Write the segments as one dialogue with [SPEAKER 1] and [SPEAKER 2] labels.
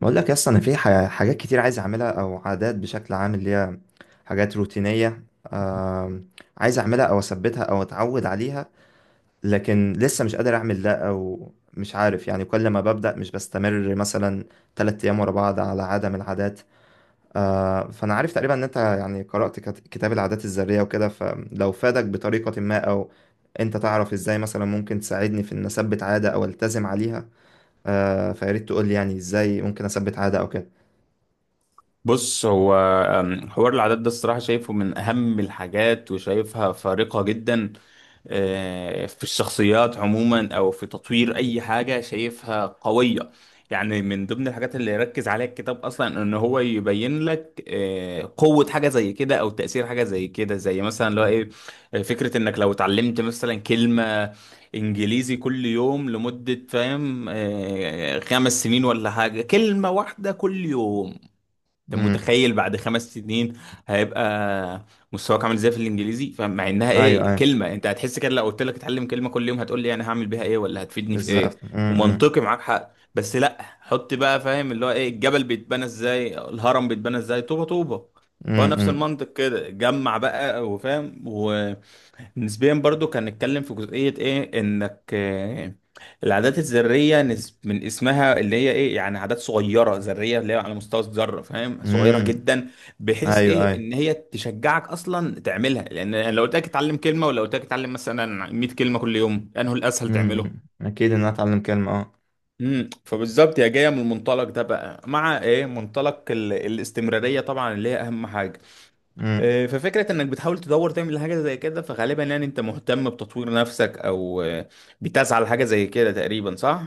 [SPEAKER 1] بقول لك اصلا انا في حاجات كتير عايز اعملها او عادات بشكل عام اللي هي حاجات روتينيه. آم، عايز اعملها او اثبتها او اتعود عليها، لكن لسه مش قادر اعمل ده او مش عارف، يعني كل ما ببدا مش بستمر مثلا تلات ايام ورا بعض على عاده من العادات. فانا عارف تقريبا ان انت يعني قرات كتاب العادات الذريه وكده، فلو فادك بطريقه ما او انت تعرف ازاي مثلا ممكن تساعدني في ان اثبت عاده او التزم عليها. فياريت تقول لي يعني ازاي ممكن اثبت عاده او كده.
[SPEAKER 2] بص هو. حوار العادات ده الصراحة شايفه من أهم الحاجات وشايفها فارقة جدا في الشخصيات عموما أو في تطوير أي حاجة شايفها قوية. يعني من ضمن الحاجات اللي يركز عليها الكتاب أصلا إن هو يبين لك قوة حاجة زي كده أو تأثير حاجة زي كده، زي مثلا اللي هو إيه. فكرة إنك لو اتعلمت مثلا كلمة انجليزي كل يوم لمدة فاهم 5 سنين ولا حاجة، كلمة واحدة كل يوم. انت
[SPEAKER 1] امم
[SPEAKER 2] متخيل بعد 5 سنين هيبقى مستواك عامل ازاي في الانجليزي؟ فمع انها
[SPEAKER 1] ايوه،
[SPEAKER 2] ايه
[SPEAKER 1] ايوه
[SPEAKER 2] كلمه، انت هتحس كده لو قلت لك اتعلم كلمه كل يوم هتقول لي انا هعمل بيها ايه ولا هتفيدني في ايه،
[SPEAKER 1] بالظبط.
[SPEAKER 2] ومنطقي معاك حق. بس لا، حط بقى فاهم اللي هو ايه الجبل بيتبنى ازاي، الهرم بيتبنى ازاي، طوبه طوبه. هو نفس
[SPEAKER 1] امم
[SPEAKER 2] المنطق كده، جمع بقى وفاهم. ونسبيا برضو كان نتكلم في جزئيه ايه انك العادات الذرية من اسمها اللي هي ايه، يعني عادات صغيرة ذرية اللي هي على مستوى الذرة فاهم، صغيرة
[SPEAKER 1] امم
[SPEAKER 2] جدا، بحيث
[SPEAKER 1] ايوه،
[SPEAKER 2] ايه
[SPEAKER 1] ايوه.
[SPEAKER 2] ان هي تشجعك اصلا تعملها. لان يعني لو قلت لك اتعلم كلمة، ولو قلت لك اتعلم مثلا 100 كلمة كل يوم، انه الاسهل تعمله.
[SPEAKER 1] اكيد ان انا اتعلم كلمه. اه
[SPEAKER 2] امم، فبالظبط هي جايه من المنطلق ده بقى، مع ايه منطلق الاستمراريه طبعا اللي هي اهم حاجه.
[SPEAKER 1] امم
[SPEAKER 2] إيه، ففكره انك بتحاول تدور تعمل حاجه زي كده، فغالبا يعني انت مهتم بتطوير نفسك او بتسعى لحاجه زي كده تقريبا، صح؟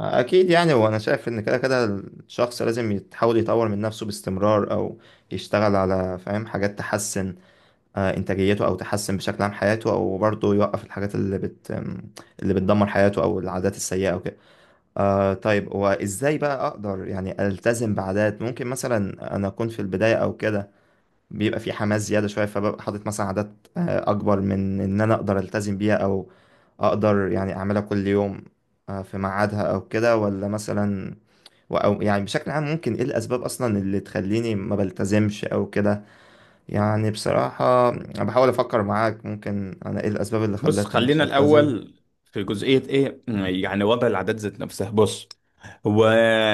[SPEAKER 1] اكيد يعني، وانا شايف ان كده كده الشخص لازم يحاول يطور من نفسه باستمرار او يشتغل على فاهم حاجات تحسن انتاجيته او تحسن بشكل عام حياته، او برضه يوقف الحاجات اللي بتدمر حياته او العادات السيئه او كده. آه طيب، وازاي بقى اقدر يعني التزم بعادات؟ ممكن مثلا انا اكون في البدايه او كده بيبقى في حماس زيادة شوية، فببقى حاطط مثلا عادات أكبر من إن أنا أقدر ألتزم بيها، أو أقدر يعني أعملها كل يوم في ميعادها أو كده، ولا مثلا أو يعني بشكل عام ممكن إيه الأسباب أصلا اللي تخليني ما بلتزمش أو كده. يعني بصراحة أنا بحاول أفكر معاك، ممكن أنا إيه الأسباب اللي
[SPEAKER 2] بص
[SPEAKER 1] خلتني مش
[SPEAKER 2] خلينا
[SPEAKER 1] بلتزم.
[SPEAKER 2] الأول في جزئية إيه، يعني وضع العادات ذات نفسها. بص هو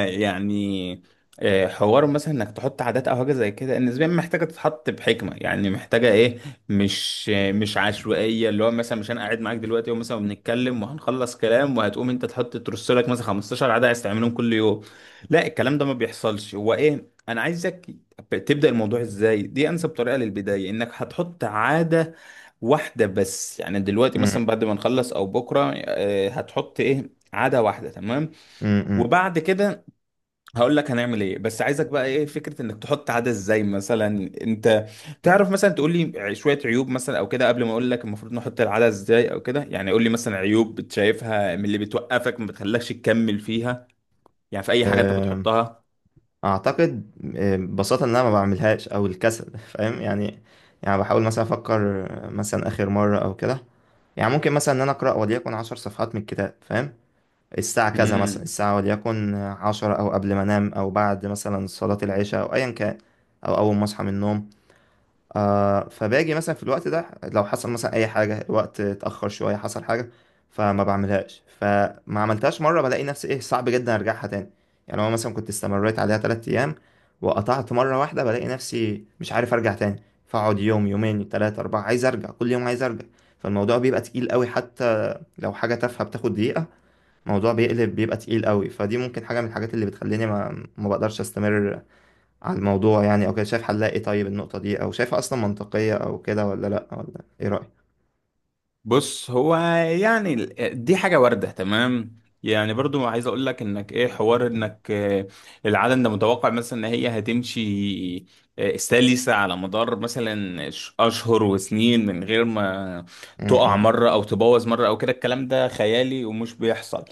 [SPEAKER 2] يعني حوار مثلا انك تحط عادات او حاجه زي كده نسبيا محتاجه تتحط بحكمه، يعني محتاجه ايه، مش مش عشوائيه. اللي هو مثلا مش انا قاعد معاك دلوقتي ومثلا بنتكلم وهنخلص كلام وهتقوم انت تحط ترص لك مثلا 15 عاده عايز تعملهم كل يوم. لا، الكلام ده ما بيحصلش. هو ايه، انا عايزك تبدا الموضوع ازاي، دي انسب طريقه للبدايه، انك هتحط عاده واحدة بس. يعني دلوقتي
[SPEAKER 1] م-
[SPEAKER 2] مثلا بعد ما نخلص او بكرة هتحط ايه عادة واحدة، تمام.
[SPEAKER 1] م-
[SPEAKER 2] وبعد كده هقول لك هنعمل ايه، بس عايزك بقى ايه فكرة انك تحط عادة ازاي مثلا. انت تعرف مثلا تقول لي شوية عيوب مثلا او كده قبل ما اقول لك المفروض نحط العادة ازاي او كده؟ يعني قول لي مثلا عيوب بتشايفها من اللي بتوقفك ما بتخلكش تكمل فيها، يعني في اي حاجة انت
[SPEAKER 1] م.
[SPEAKER 2] بتحطها.
[SPEAKER 1] اعتقد ببساطه ان انا ما بعملهاش او الكسل، فاهم يعني. يعني بحاول مثلا افكر مثلا اخر مره او كده، يعني ممكن مثلا ان انا اقرا وليكن 10 صفحات من الكتاب، فاهم، الساعه كذا مثلا،
[SPEAKER 2] مم.
[SPEAKER 1] الساعه وليكن 10 او قبل ما انام او بعد مثلا صلاه العشاء او ايا كان او اول ما اصحى من النوم. آه، فباجي مثلا في الوقت ده، لو حصل مثلا اي حاجه، الوقت اتاخر شويه، حصل حاجه فما بعملهاش، فما عملتهاش مره بلاقي نفسي ايه صعب جدا ارجعها تاني. يعني لو مثلا كنت استمريت عليها 3 ايام وقطعت مره واحده، بلاقي نفسي مش عارف ارجع تاني، فاقعد يوم يومين تلاتة أربعة عايز أرجع كل يوم عايز أرجع، فالموضوع بيبقى تقيل قوي. حتى لو حاجة تافهة بتاخد دقيقة، الموضوع بيقلب بيبقى تقيل قوي. فدي ممكن حاجة من الحاجات اللي بتخليني ما بقدرش أستمر على الموضوع يعني او كده. شايف حلها ايه؟ طيب النقطة دي، او شايفها اصلا منطقية او كده ولا لا، ولا ايه رأيك؟
[SPEAKER 2] بص هو يعني دي حاجة واردة تمام. يعني برضو عايز اقول لك انك ايه حوار انك العالم ده متوقع مثلا ان هي هتمشي سلسة على مدار مثلا اشهر وسنين من غير ما تقع
[SPEAKER 1] امم
[SPEAKER 2] مرة او تبوظ مرة او كده، الكلام ده خيالي ومش بيحصل.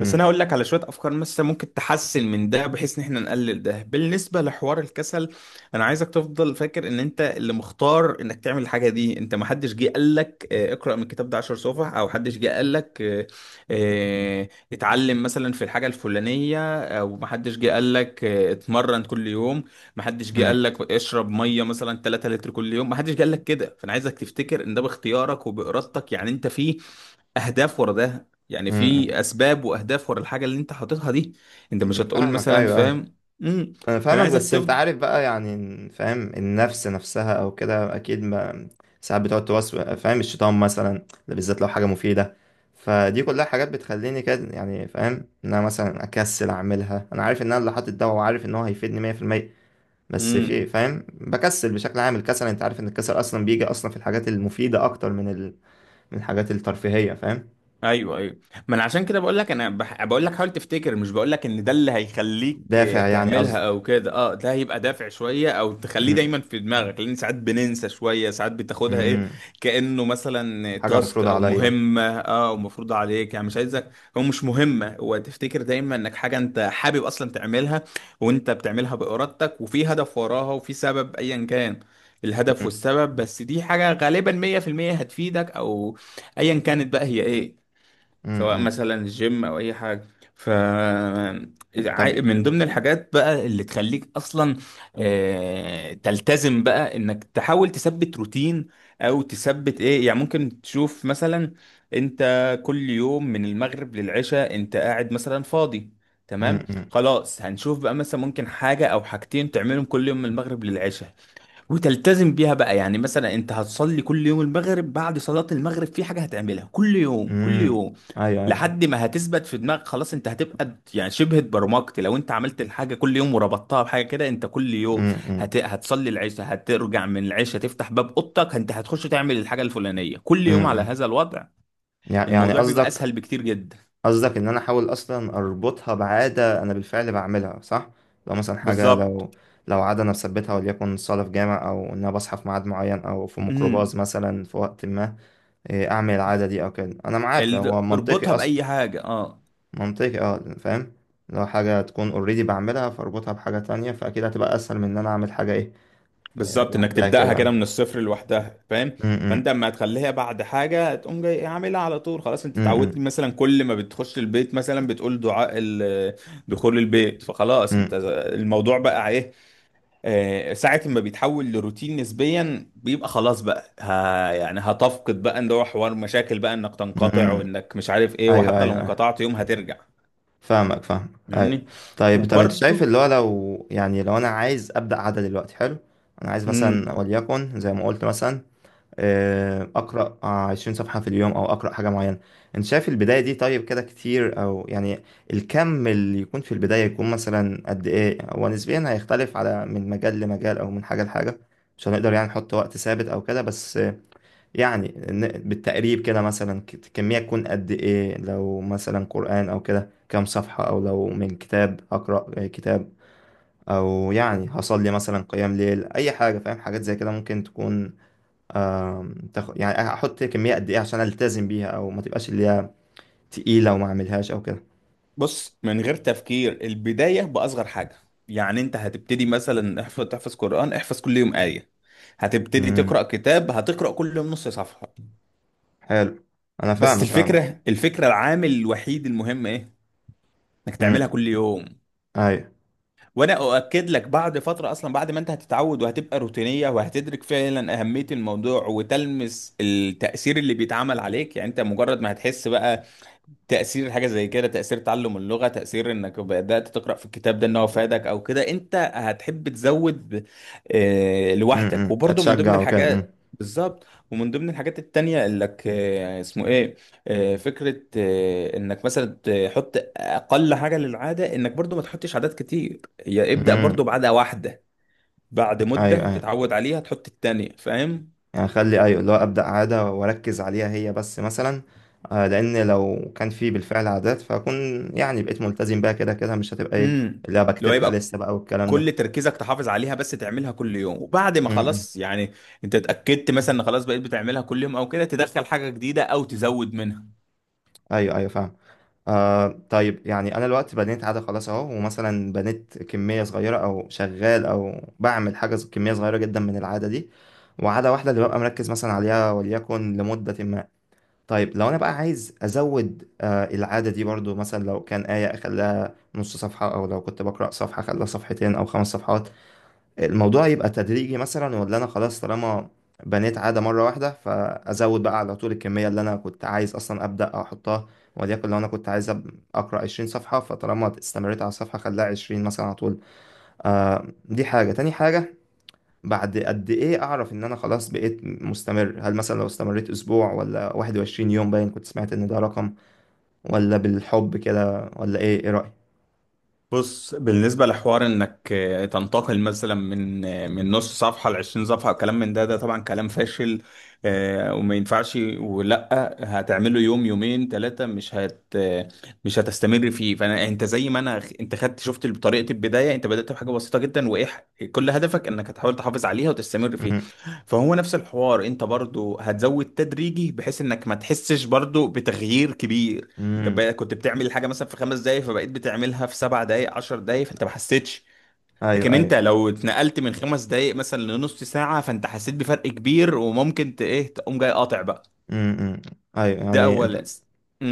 [SPEAKER 2] بس انا هقول لك على شويه افكار مثلا ممكن تحسن من ده، بحيث ان احنا نقلل ده. بالنسبه لحوار الكسل، انا عايزك تفضل فاكر ان انت اللي مختار انك تعمل الحاجه دي. انت ما حدش جه قال لك اقرا من الكتاب ده 10 صفح، او حدش جه قال لك اتعلم مثلا في الحاجه الفلانيه، او ما حدش جه قال لك اتمرن كل يوم، ما حدش جه
[SPEAKER 1] امم
[SPEAKER 2] قال لك اشرب ميه مثلا 3 لتر كل يوم، ما حدش جه قال لك كده. فانا عايزك تفتكر ان ده باختيارك وبارادتك، يعني انت فيه اهداف ورا ده، يعني
[SPEAKER 1] امم
[SPEAKER 2] في اسباب واهداف ورا الحاجه اللي انت حاططها دي. انت مش هتقول
[SPEAKER 1] فاهمك،
[SPEAKER 2] مثلا
[SPEAKER 1] ايوه ايوه.
[SPEAKER 2] فاهم. امم،
[SPEAKER 1] انا
[SPEAKER 2] فانا
[SPEAKER 1] فاهمك
[SPEAKER 2] عايزك
[SPEAKER 1] بس انت عارف بقى يعني، فاهم النفس نفسها او كده، اكيد ما ساعات بتقعد توسوس فاهم، الشيطان مثلا ده، بالذات لو حاجة مفيدة، فدي كلها حاجات بتخليني كده يعني، فاهم، ان انا مثلا اكسل اعملها. انا عارف ان انا اللي حاطط ده، وعارف ان هو هيفيدني 100%، بس
[SPEAKER 2] تفضل.
[SPEAKER 1] في فاهم بكسل بشكل عام. الكسل انت عارف ان الكسل اصلا بيجي اصلا في الحاجات المفيده اكتر من من الحاجات الترفيهيه، فاهم.
[SPEAKER 2] ايوه ايوه، ما انا عشان كده بقول لك، انا بقول لك حاول تفتكر، مش بقول لك ان ده اللي هيخليك
[SPEAKER 1] دافع يعني
[SPEAKER 2] تعملها
[SPEAKER 1] قصدك؟
[SPEAKER 2] او كده. اه ده هيبقى دافع شويه او تخليه
[SPEAKER 1] م-
[SPEAKER 2] دايما في دماغك، لان ساعات بننسى شويه، ساعات بتاخدها ايه
[SPEAKER 1] م-
[SPEAKER 2] كانه مثلا
[SPEAKER 1] حاجه
[SPEAKER 2] تاسك
[SPEAKER 1] مفروضه
[SPEAKER 2] او
[SPEAKER 1] عليا.
[SPEAKER 2] مهمه، اه ومفروض عليك. يعني مش عايزك، هو مش مهمه، هو تفتكر دايما انك حاجه انت حابب اصلا تعملها وانت بتعملها بارادتك، وفي هدف وراها وفي سبب ايا كان الهدف
[SPEAKER 1] م-
[SPEAKER 2] والسبب. بس دي حاجه غالبا 100% هتفيدك، او ايا كانت بقى هي ايه،
[SPEAKER 1] م-
[SPEAKER 2] سواء
[SPEAKER 1] م.
[SPEAKER 2] مثلا جيم او اي حاجه. ف
[SPEAKER 1] طب
[SPEAKER 2] من ضمن الحاجات بقى اللي تخليك اصلا تلتزم بقى، انك تحاول تثبت روتين او تثبت ايه. يعني ممكن تشوف مثلا انت كل يوم من المغرب للعشاء انت قاعد مثلا فاضي،
[SPEAKER 1] م-
[SPEAKER 2] تمام.
[SPEAKER 1] م-
[SPEAKER 2] خلاص، هنشوف بقى مثلا ممكن حاجة أو حاجتين تعملهم كل يوم من المغرب للعشاء وتلتزم بيها بقى. يعني مثلا أنت هتصلي كل يوم المغرب، بعد صلاة المغرب في حاجة هتعملها كل
[SPEAKER 1] م.
[SPEAKER 2] يوم كل يوم
[SPEAKER 1] ايوه ايوه.
[SPEAKER 2] لحد ما هتثبت في دماغك. خلاص، انت هتبقى يعني شبه اتبرمجت لو انت عملت الحاجه كل يوم وربطتها بحاجه كده. انت كل
[SPEAKER 1] م-
[SPEAKER 2] يوم
[SPEAKER 1] م-
[SPEAKER 2] هتصلي العشاء، هترجع من العشاء تفتح باب اوضتك انت هتخش تعمل الحاجه الفلانيه كل
[SPEAKER 1] م-
[SPEAKER 2] يوم على
[SPEAKER 1] م.
[SPEAKER 2] هذا الوضع.
[SPEAKER 1] يعني
[SPEAKER 2] الموضوع بيبقى
[SPEAKER 1] قصدك،
[SPEAKER 2] اسهل بكتير جدا.
[SPEAKER 1] قصدك ان انا احاول اصلا اربطها بعاده انا بالفعل بعملها، صح؟ لو مثلا حاجه،
[SPEAKER 2] بالظبط.
[SPEAKER 1] لو لو عاده انا مثبتها، وليكن صاله في جامع، او ان انا بصحى في ميعاد معين، او في ميكروباص
[SPEAKER 2] امم،
[SPEAKER 1] مثلا في وقت ما، اعمل العاده دي او كده. انا معاك، هو منطقي
[SPEAKER 2] اربطها
[SPEAKER 1] اصلا.
[SPEAKER 2] باي حاجه، اه
[SPEAKER 1] منطقي اه، فاهم، لو حاجه تكون اوريدي بعملها فاربطها بحاجه تانية، فاكيد هتبقى اسهل من ان انا اعمل حاجه ايه
[SPEAKER 2] بالظبط، انك
[SPEAKER 1] لوحدها
[SPEAKER 2] تبداها كده
[SPEAKER 1] كده.
[SPEAKER 2] من الصفر لوحدها فاهم.
[SPEAKER 1] امم
[SPEAKER 2] فانت اما تخليها بعد حاجه تقوم جاي عاملها على طول، خلاص انت اتعودت
[SPEAKER 1] امم
[SPEAKER 2] مثلا كل ما بتخش البيت مثلا بتقول دعاء دخول البيت، فخلاص انت الموضوع بقى ايه ساعه ما بيتحول لروتين نسبيا بيبقى خلاص بقى، ها يعني هتفقد بقى ان هو حوار مشاكل بقى انك تنقطع
[SPEAKER 1] امم
[SPEAKER 2] وانك مش عارف ايه،
[SPEAKER 1] ايوه
[SPEAKER 2] وحتى
[SPEAKER 1] ايوه
[SPEAKER 2] لو
[SPEAKER 1] ايوه،
[SPEAKER 2] انقطعت يوم هترجع.
[SPEAKER 1] فاهمك فاهمك. ايوه.
[SPEAKER 2] فاهمني.
[SPEAKER 1] طيب، طب انت شايف
[SPEAKER 2] وبرضه
[SPEAKER 1] اللي هو، لو يعني لو انا عايز ابدا عاده دلوقتي، حلو، انا عايز مثلا
[SPEAKER 2] إمم،
[SPEAKER 1] وليكن زي ما قلت مثلا اقرا 20 صفحه في اليوم او اقرا حاجه معينه، انت شايف البدايه دي طيب كده كتير او يعني، الكم اللي يكون في البدايه يكون مثلا قد ايه؟ هو نسبيا هيختلف على من مجال لمجال او من حاجه لحاجه، مش هنقدر يعني نحط وقت ثابت او كده، بس يعني بالتقريب كده، مثلا الكميه تكون قد ايه؟ لو مثلا قران او كده كام صفحه، او لو من كتاب هقرا كتاب، او يعني هصلي مثلا قيام ليل، اي حاجه فاهم، حاجات زي كده ممكن تكون يعني احط كميه قد ايه عشان التزم بيها او ما تبقاش اللي هي تقيله وما اعملهاش او كده.
[SPEAKER 2] بص، من غير تفكير البداية بأصغر حاجة. يعني انت هتبتدي مثلا احفظ، تحفظ قرآن احفظ كل يوم آية. هتبتدي
[SPEAKER 1] امم
[SPEAKER 2] تقرأ كتاب، هتقرأ كل يوم نص صفحة.
[SPEAKER 1] حلو، انا
[SPEAKER 2] بس
[SPEAKER 1] فاهمك فاهمك.
[SPEAKER 2] الفكرة، الفكرة العامل الوحيد المهم ايه، انك
[SPEAKER 1] امم
[SPEAKER 2] تعملها كل يوم.
[SPEAKER 1] ايوه.
[SPEAKER 2] وانا اؤكد لك بعد فترة اصلا، بعد ما انت هتتعود وهتبقى روتينية وهتدرك فعلا اهمية الموضوع وتلمس التأثير اللي بيتعمل عليك، يعني انت مجرد ما هتحس بقى تأثير حاجة زي كده، تأثير تعلم اللغة، تأثير انك بدأت تقرأ في الكتاب ده ان هو فادك او كده، انت هتحب تزود لوحدك. وبرضه من ضمن
[SPEAKER 1] اتشجع وكده.
[SPEAKER 2] الحاجات بالظبط، ومن ضمن الحاجات التانية انك اسمه ايه، فكرة انك مثلا تحط اقل حاجة للعادة، انك برضه ما تحطش عادات كتير، هي ابدأ برضه
[SPEAKER 1] امم
[SPEAKER 2] بعادة واحدة. بعد
[SPEAKER 1] ايوه
[SPEAKER 2] مدة
[SPEAKER 1] ايوه،
[SPEAKER 2] تتعود عليها تحط التانية، فاهم؟
[SPEAKER 1] يعني اخلي ايوه اللي هو ابدا عاده واركز عليها هي بس مثلا. آه، لان لو كان في بالفعل عادات فاكون يعني بقيت ملتزم بيها كده كده، مش هتبقى ايه
[SPEAKER 2] امم،
[SPEAKER 1] اللي أنا
[SPEAKER 2] اللي هو
[SPEAKER 1] بكتبها
[SPEAKER 2] يبقى
[SPEAKER 1] لسه بقى والكلام ده.
[SPEAKER 2] كل تركيزك تحافظ عليها بس، تعملها كل يوم. وبعد ما
[SPEAKER 1] امم
[SPEAKER 2] خلاص يعني انت اتأكدت مثلا ان خلاص بقيت بتعملها كل يوم او كده، تدخل حاجة جديدة او تزود منها.
[SPEAKER 1] ايوه ايوه فاهم. آه طيب، يعني انا الوقت بنيت عاده خلاص اهو، ومثلا بنيت كميه صغيره او شغال او بعمل حاجه كميه صغيره جدا من العاده دي، وعاده واحده اللي ببقى مركز مثلا عليها وليكن لمده ما، طيب لو انا بقى عايز ازود آه العاده دي برضو، مثلا لو كان ايه اخليها نص صفحه، او لو كنت بقرا صفحه اخليها صفحتين او خمس صفحات، الموضوع يبقى تدريجي مثلا، ولا انا خلاص طالما بنيت عادة مرة واحدة فازود بقى على طول الكمية اللي انا كنت عايز اصلا ابدا احطها؟ وليكن لو انا كنت عايز اقرا 20 صفحة، فطالما استمريت على الصفحة خليها 20 مثلا على طول. آه دي حاجة، تاني حاجة بعد قد ايه اعرف ان انا خلاص بقيت مستمر؟ هل مثلا لو استمريت اسبوع ولا 21 يوم؟ باين كنت سمعت ان ده رقم ولا بالحب كده ولا ايه، ايه رأيك؟
[SPEAKER 2] بص بالنسبة لحوار انك تنتقل مثلا من نص صفحة لعشرين صفحة، كلام من ده، طبعا كلام فاشل وما ينفعش، ولا هتعمله يوم يومين ثلاثة مش هت آه، مش هتستمر فيه. فانا انت زي ما انا انت خدت شفت طريقة البداية، انت بدأت بحاجة بسيطة جدا وايه كل هدفك انك هتحاول تحافظ عليها وتستمر فيها.
[SPEAKER 1] امم
[SPEAKER 2] فهو نفس الحوار، انت برضو هتزود تدريجي بحيث انك ما تحسش برضو بتغيير كبير. طب
[SPEAKER 1] امم
[SPEAKER 2] بقى كنت بتعمل الحاجه مثلا في 5 دقايق فبقيت بتعملها في 7 دقايق، 10 دقايق، فانت ما حسيتش.
[SPEAKER 1] ايوه
[SPEAKER 2] لكن انت
[SPEAKER 1] ايوه.
[SPEAKER 2] لو اتنقلت من 5 دقايق مثلا لنص ساعه فانت حسيت بفرق كبير وممكن ايه تقوم جاي قاطع بقى.
[SPEAKER 1] امم ايوه
[SPEAKER 2] ده
[SPEAKER 1] يعني انت
[SPEAKER 2] اولا.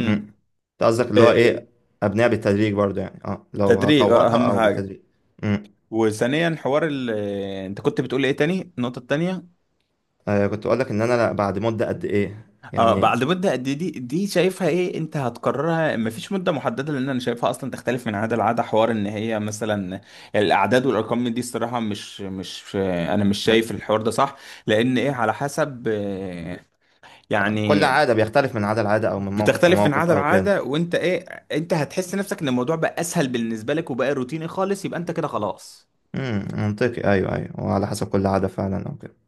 [SPEAKER 1] مم. انت قصدك اللي هو ايه، ابنيها بالتدريج برضو يعني، اه لو
[SPEAKER 2] التدريج اه
[SPEAKER 1] هطورها
[SPEAKER 2] اهم
[SPEAKER 1] او
[SPEAKER 2] حاجه.
[SPEAKER 1] بالتدريج. مم.
[SPEAKER 2] وثانيا حوار ال... آه، انت كنت بتقول ايه تاني، النقطه التانيه؟
[SPEAKER 1] آه كنت اقول لك ان انا لا، بعد مدة قد ايه
[SPEAKER 2] اه
[SPEAKER 1] يعني.
[SPEAKER 2] بعد مدة قد إيه، دي شايفها ايه، انت هتقررها، مفيش مدة محددة لان انا شايفها اصلا تختلف من عادة لعادة. حوار ان هي مثلا الاعداد والارقام من دي الصراحة، مش انا مش
[SPEAKER 1] مم.
[SPEAKER 2] شايف الحوار ده صح. لان ايه، على حسب
[SPEAKER 1] كل
[SPEAKER 2] يعني
[SPEAKER 1] عادة بيختلف من عادة لعادة او من موقف
[SPEAKER 2] بتختلف من
[SPEAKER 1] لموقف
[SPEAKER 2] عادة
[SPEAKER 1] او كده.
[SPEAKER 2] لعادة، وانت ايه انت هتحس نفسك ان الموضوع بقى اسهل بالنسبة لك وبقى روتيني خالص، يبقى انت كده خلاص.
[SPEAKER 1] منطقي، ايوه ايوه، وعلى حسب كل عادة فعلا او كده.